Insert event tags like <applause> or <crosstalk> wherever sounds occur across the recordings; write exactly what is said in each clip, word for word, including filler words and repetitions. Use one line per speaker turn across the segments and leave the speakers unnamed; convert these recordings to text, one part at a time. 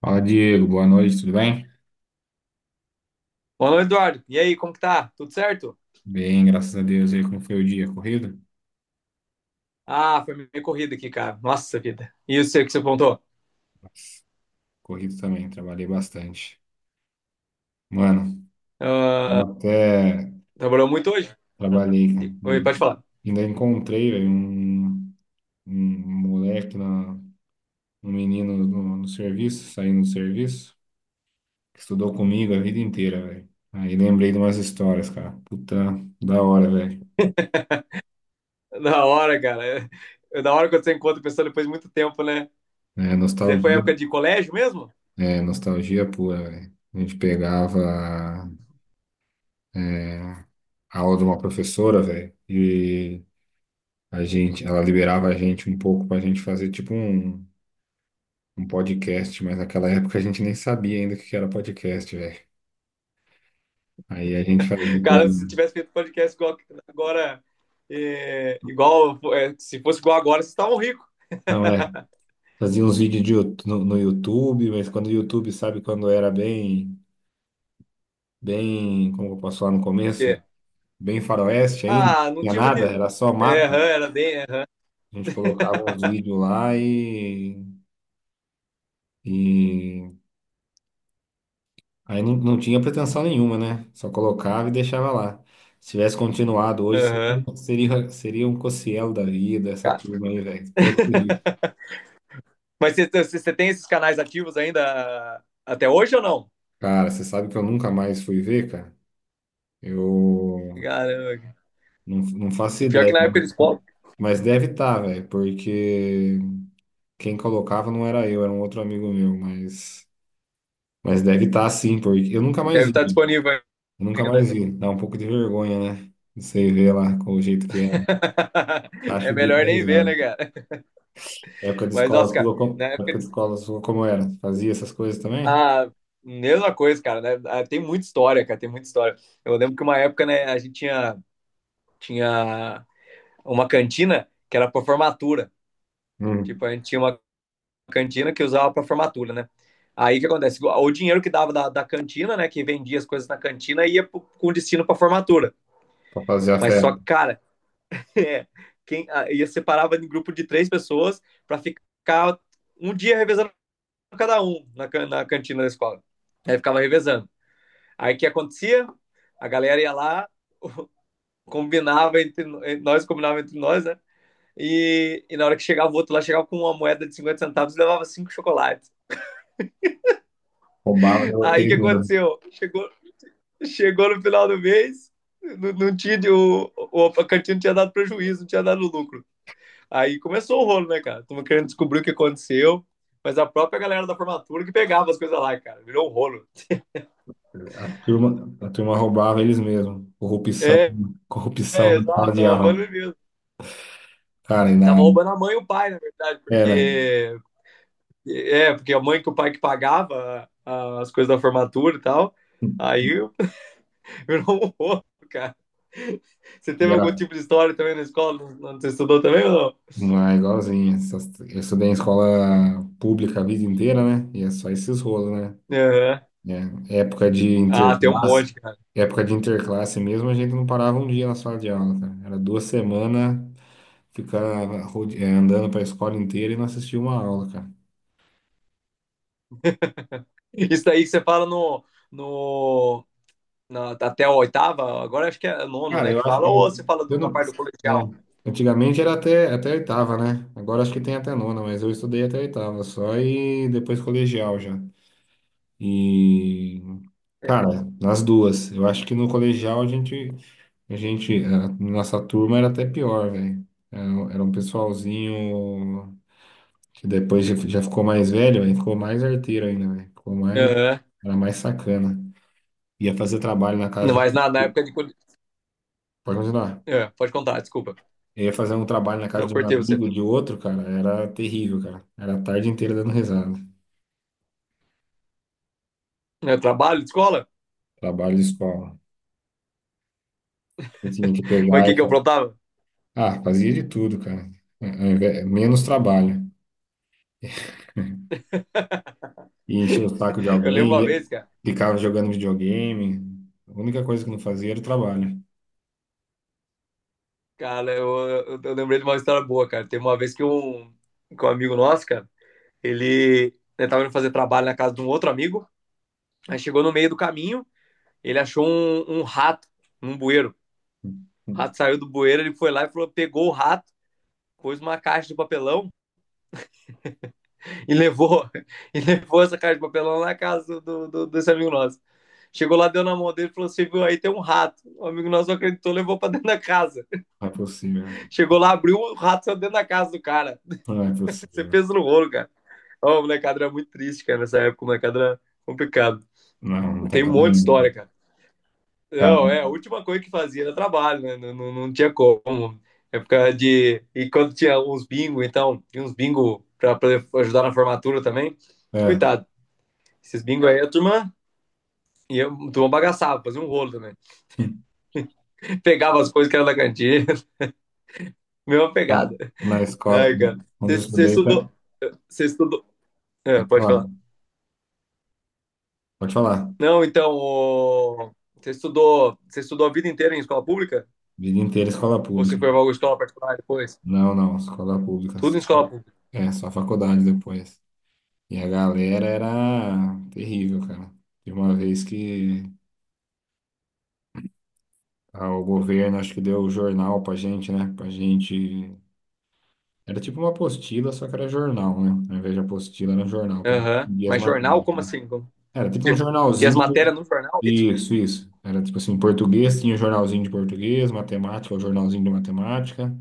Fala, Diego. Boa noite, tudo bem?
Olá, Eduardo. E aí, como que tá? Tudo certo?
Bem, graças a Deus. E aí, como foi o dia? Corrido?
Ah, foi meio corrida aqui, cara. Nossa vida. E eu sei o seu que você apontou?
Nossa. Corrido também, trabalhei bastante. Mano, eu
Ah,
até
trabalhou muito hoje? Ah,
trabalhei, cara.
de- Oi,
E
pode falar.
ainda encontrei, velho, um, um moleque, na, um menino no, no serviço, saindo do serviço, que estudou comigo a vida inteira, velho. Aí lembrei de umas histórias, cara. Puta, da hora, velho.
Da hora, cara. É, da hora quando você encontra a pessoa depois de muito tempo, né?
É,
Você foi
nostalgia.
época de colégio mesmo?
É, nostalgia pura, velho. A gente pegava, é, a aula de uma professora, velho, e a gente, ela liberava a gente um pouco pra gente fazer tipo um, um podcast, mas naquela época a gente nem sabia ainda o que que era podcast, velho. Aí a gente fazia,
Cara, se tivesse feito podcast igual agora, é, igual, é, se fosse igual agora, vocês estavam ricos.
não é,
<laughs>
fazia uns vídeos de Yout- no, no YouTube, mas quando o YouTube, sabe, quando era bem, bem, como eu posso falar, no começo,
É.
bem faroeste ainda, não
Ah, não
tinha
tinha muito.
nada, era só
É, aham,
mato.
era bem. É,
A gente colocava uns vídeos lá e e, aí não, não tinha pretensão nenhuma, né? Só colocava e deixava lá. Se tivesse continuado hoje,
aham.
seria, seria, seria um Cossielo da vida, essa
Ca-
turma aí, velho. Podre de rir.
<laughs> Mas você, você você tem esses canais ativos ainda até hoje ou não?
Cara, você sabe que eu nunca mais fui ver, cara? Eu
Caramba.
não, não faço
E pior que
ideia,
na
mas
época eles po-
mas deve estar, velho, porque quem colocava não era eu, era um outro amigo meu, mas, mas deve estar sim, porque eu nunca mais
deve
vi,
estar disponível
eu nunca mais
ainda.
vi. Dá um pouco de vergonha, né? Você vê lá com o jeito que é.
<laughs>
Acho
É
o bico
melhor
da
nem ver,
risada.
né, cara?
Época de
Mas,
escola
nossa, cara,
sua,
na
como,
época
época de
eles.
escola sua, como era? Fazia essas coisas também?
Ah, mesma coisa, cara, né? Ah, tem muita história, cara, tem muita história. Eu lembro que uma época, né, a gente tinha, tinha uma cantina que era pra formatura. Tipo,
Hum.
a gente tinha uma cantina que usava pra formatura, né? Aí o que acontece? O dinheiro que dava da, da cantina, né, que vendia as coisas na cantina, ia pro- com destino pra formatura.
Pra fazer a
Mas só, que,
festa.
cara, <laughs> é, quem, ah, ia separava em grupo de três pessoas pra ficar um dia revezando cada um na, can- na cantina da escola. Aí ficava revezando. Aí o que acontecia? A galera ia lá, <laughs> combinava entre eh, nós, combinava entre nós, né? E, e na hora que chegava o outro lá, chegava com uma moeda de cinquenta centavos e levava cinco chocolates.
Roubava de
Aí o
vocês
que
mesmo.
aconteceu? Chegou, chegou no final do mês, não, não tinha, o, o, a cantina não tinha dado prejuízo, não tinha dado lucro. Aí começou o rolo, né, cara? Tamo querendo descobrir o que aconteceu, mas a própria galera da formatura que pegava as coisas lá, cara. Virou um rolo.
A turma, a turma roubava eles mesmos. Corrupção,
É,
corrupção
é,
na sala
exato,
de
tava roubando
aula.
mesmo.
Cara, e
Tava
na,
roubando a mãe e o pai, na verdade,
era,
porque. É, porque a mãe que o pai que pagava a- as coisas da formatura e tal. Aí eu- <laughs> virou um roubo, <laughs> cara. Você
e
teve algum
era
tipo de história também na escola? Não, não- você estudou também ou
não é igualzinho. Essas- Eu estudei em escola pública a vida inteira, né? E é só esses rolos, né?
não? Aham.
Né? Época de
Ah, tem um
interclasse,
monte, cara.
época de interclasse mesmo, a gente não parava um dia na sala de aula, cara. Era duas semanas ficava rode- eh, andando para a escola inteira e não assistia uma aula, cara.
Isso aí que você fala no, no, na- até a oitava, agora acho que é nono,
Cara,
né?
eu
Que
acho
fala,
que
ou
eu,
você fala
eu
do- na
não,
parte do
né?
colegial?
Antigamente era até, até a oitava, né? Agora acho que tem até a nona, mas eu estudei até a oitava só e depois colegial já. E,
É.
cara, nas duas. Eu acho que no colegial a gente. A gente, a nossa turma era até pior, velho. Era, um era um pessoalzinho que depois já, já ficou mais velho, aí ficou mais arteiro ainda, velho. Ficou mais,
Aham.
era mais sacana. Ia fazer trabalho na
Não,
casa de,
Mas na, na época de. Cole-
pode continuar.
É, pode contar, desculpa.
Eu Ia fazer um trabalho na casa
Eu
de um
cortei você.
amigo, de outro, cara, era terrível, cara. Era a tarde inteira dando risada.
Eu trabalho, escola?
Trabalho de escola. Eu tinha que
Mas o
pegar
que
e
que eu
fa-
aprontava?
Ah, fazia de tudo, cara. É, é, é, Menos trabalho. E encher o saco de
Eu lembro
alguém,
uma
e
vez, cara.
ficava jogando videogame. A única coisa que não fazia era o trabalho.
Cara, eu, eu, eu lembrei de uma história boa, cara. Tem uma vez que um, que um amigo nosso, cara, ele, ele tava indo fazer trabalho na casa de um outro amigo. Aí chegou no meio do caminho, ele achou um, um rato num bueiro. O rato saiu do bueiro, ele foi lá e falou, pegou o rato, pôs uma caixa de papelão e levou, <laughs> e levou essa caixa de papelão lá na casa do, do- desse amigo nosso. Chegou lá, deu na mão dele e falou: Você viu aí, tem um rato. O amigo nosso não acreditou, levou pra dentro da casa.
Não é possível.
Chegou lá, abriu, o rato saiu dentro da casa do cara.
Não é
Você
possível.
pensa no rolo, cara. Ó, o molecada era muito triste, cara, nessa época. O molecada era complicado.
Não, não tem
Tem um monte de
caminho.
história, cara.
Cara,
Não, é, a última coisa que fazia era trabalho, né? Não, não, não tinha como. Época de. E quando tinha uns bingo, então, tinha uns bingo pra, pra ajudar na formatura também.
cara,
Coitado, esses bingo aí, a turma e eu, a turma bagaçava, fazia um rolo também.
é. <laughs>
<laughs> Pegava as coisas que era da cantina, <laughs> mesma
Cara,
pegada.
na escola,
Ai, cara.
onde eu
Você
estudei, tá-
estudou. Você estudou. É,
pode
pode falar.
falar, pode falar.
Não, então, o- você estudou, você estudou a vida inteira em escola pública?
Vida inteira escola
Ou
pública.
você foi para alguma escola particular depois?
Não, não, escola pública,
Tudo
assim.
em escola pública.
É, só faculdade depois. E a galera era terrível, cara. Tem uma vez que ah, o governo acho que deu o jornal pra gente, né? Pra gente. Era tipo uma apostila, só que era jornal, né? Ao invés de apostila, era um jornal, pra gente
Aham.
seguir as
Mas jornal,
matérias,
como
né?
assim? Como...
Era tipo um
Que tinha as matérias
jornalzinho.
no jornal, é isso?
Isso, isso. Era tipo assim, português tinha jornalzinho de português, matemática, o jornalzinho de matemática.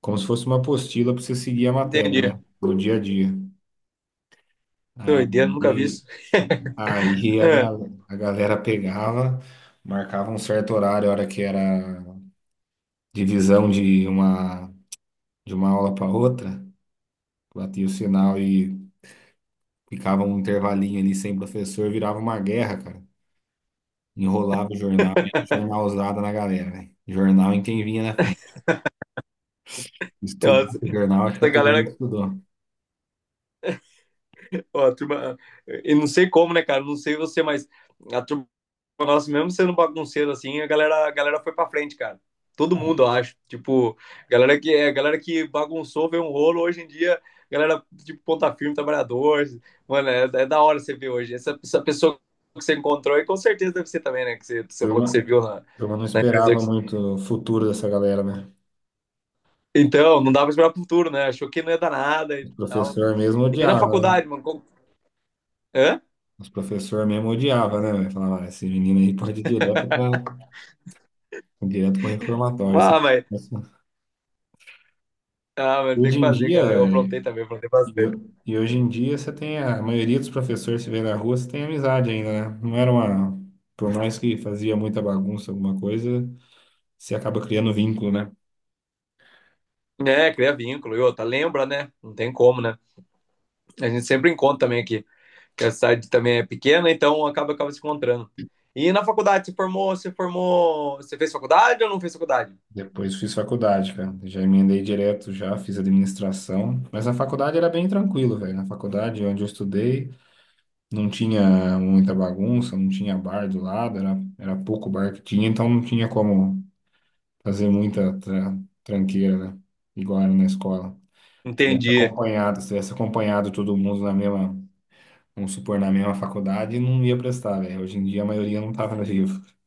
Como se fosse uma apostila pra você seguir a matéria,
Entendi.
né? Do dia a dia.
Doideira, nunca vi
Aí,
isso. <laughs>
aí a,
É,
gal- a galera pegava, marcava um certo horário, a hora que era divisão de uma, de uma aula para outra, batia o sinal e ficava um intervalinho ali sem professor, virava uma guerra, cara. Enrolava o jornal, era jornalzada na galera, velho. Jornal em quem vinha na frente. Estudou
nossa,
o jornal, acho que a
essa
turma não
galera,
estudou.
ó, a turma, eu não sei como, né, cara? Não sei você, mas a turma nosso, mesmo sendo bagunceiro assim, a galera, a galera foi pra frente, cara. Todo
A
mundo, eu acho. Tipo, galera que é, galera que bagunçou, veio um rolo hoje em dia, galera tipo ponta firme, trabalhador. Mano, é, é da hora você ver hoje. Essa, essa pessoa que você encontrou, e com certeza deve ser também, né? Que você, você falou
turma,
que você viu na,
a turma não
na empresa.
esperava
que-
muito o futuro dessa galera, né?
Então, não dava pra esperar pro futuro, né? Achou que não ia dar nada e
Os
tal.
professor mesmo
E na
odiava, né?
faculdade, mano? como- Hã?
Os professor mesmo odiava, né, velho? Falava: "Ah, esse menino aí pode ir direto para direto para o reformatório. Esse-
Ah, mas,
esse-".
ah, mas tem
Hoje
que
em
fazer, cara.
dia,
Eu aprontei também, aprontei
E,
bastante.
ho- e hoje em dia você tem a, a maioria dos professores se vê na rua, você tem amizade ainda, né? Não era uma. Por mais que fazia muita bagunça, alguma coisa, você acaba criando vínculo, né?
É, cria vínculo. E outra, lembra, né? Não tem como, né? A gente sempre encontra também aqui, que a cidade também é pequena, então acaba, acaba se encontrando. E na faculdade, você formou, você formou, você fez faculdade ou não fez faculdade?
Depois fiz faculdade, cara. Já emendei direto, já fiz administração. Mas a faculdade era bem tranquilo, velho. Na faculdade onde eu estudei, não tinha muita bagunça, não tinha bar do lado, era, era pouco bar que tinha, então não tinha como fazer muita tra- tranqueira, né? Igual era na escola. Tivesse
Entendi.
acompanhado, se tivesse acompanhado todo mundo na mesma, vamos supor, na mesma faculdade, não ia prestar, velho. Hoje em dia a maioria não tava no livro.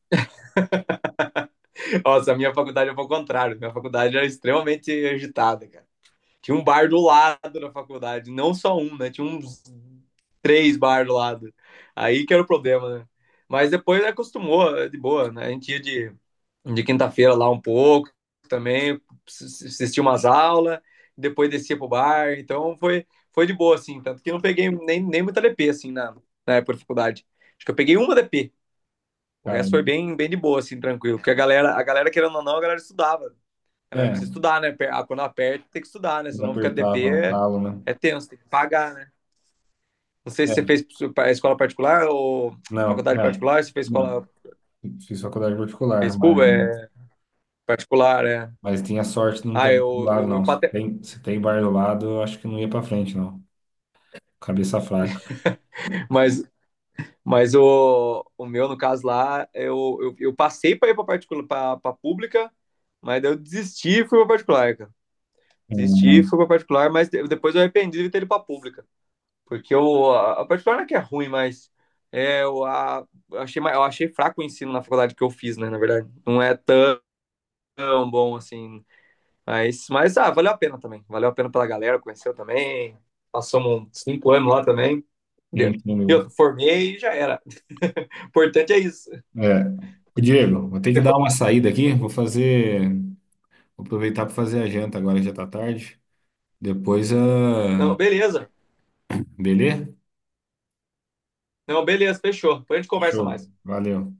Nossa, a minha faculdade é o contrário. Minha faculdade era extremamente agitada, cara. Tinha um bar do lado da faculdade, não só um, né? Tinha uns três bar do lado. Aí que era o problema, né? Mas depois acostumou, de boa, né? A gente ia de de quinta-feira lá um pouco também, assisti umas aulas, depois descia pro bar, então foi, foi de boa, assim, tanto que eu não peguei nem, nem muita D P, assim, na, na época da faculdade. Acho que eu peguei uma D P, o
Cara,
resto foi bem, bem de boa, assim, tranquilo, porque a galera, a galera, querendo ou não, a galera estudava, a galera
é,
precisa estudar, né, quando aperta tem que estudar, né,
quando
senão ficar D P
apertava o
é,
calo, né?
é tenso, tem que pagar, né. Não sei se
É,
você fez escola particular ou
não,
faculdade
não,
particular, se fez escola,
não. Fiz faculdade particular,
fez
mas,
pública, é particular, é.
mas tinha sorte de não ter
Ah,
bar do
eu,
lado,
eu,
não.
eu
Se
pate...
tem, se tem bar do lado, eu acho que não ia pra frente, não. Cabeça fraca.
mas Mas o, o meu, no caso lá, eu, eu, eu passei para ir para particular, para pública, mas daí eu desisti e fui para particular, cara. Desisti e
Hum.
fui para particular, mas de- depois eu arrependi de ter ido para pública. Porque eu, a a particular não é que é ruim, mas é, eu, a, eu achei, ma- eu achei fraco o ensino na faculdade que eu fiz, né? Na verdade, não é tão bom assim. Mas, mas ah, valeu a pena também. Valeu a pena pela galera, conheceu também. Passamos uns cinco anos lá também. Entendeu?
Sim, sim,
E
mesmo.
eu formei e já era. <laughs> O importante é isso.
É. Ô, Diego, vou ter que dar uma saída aqui, vou fazer, vou aproveitar para fazer a janta agora, já tá tarde. Depois
Não,
a.
beleza.
Beleza?
Não, beleza, fechou. Depois a gente conversa
Show.
mais.
Valeu.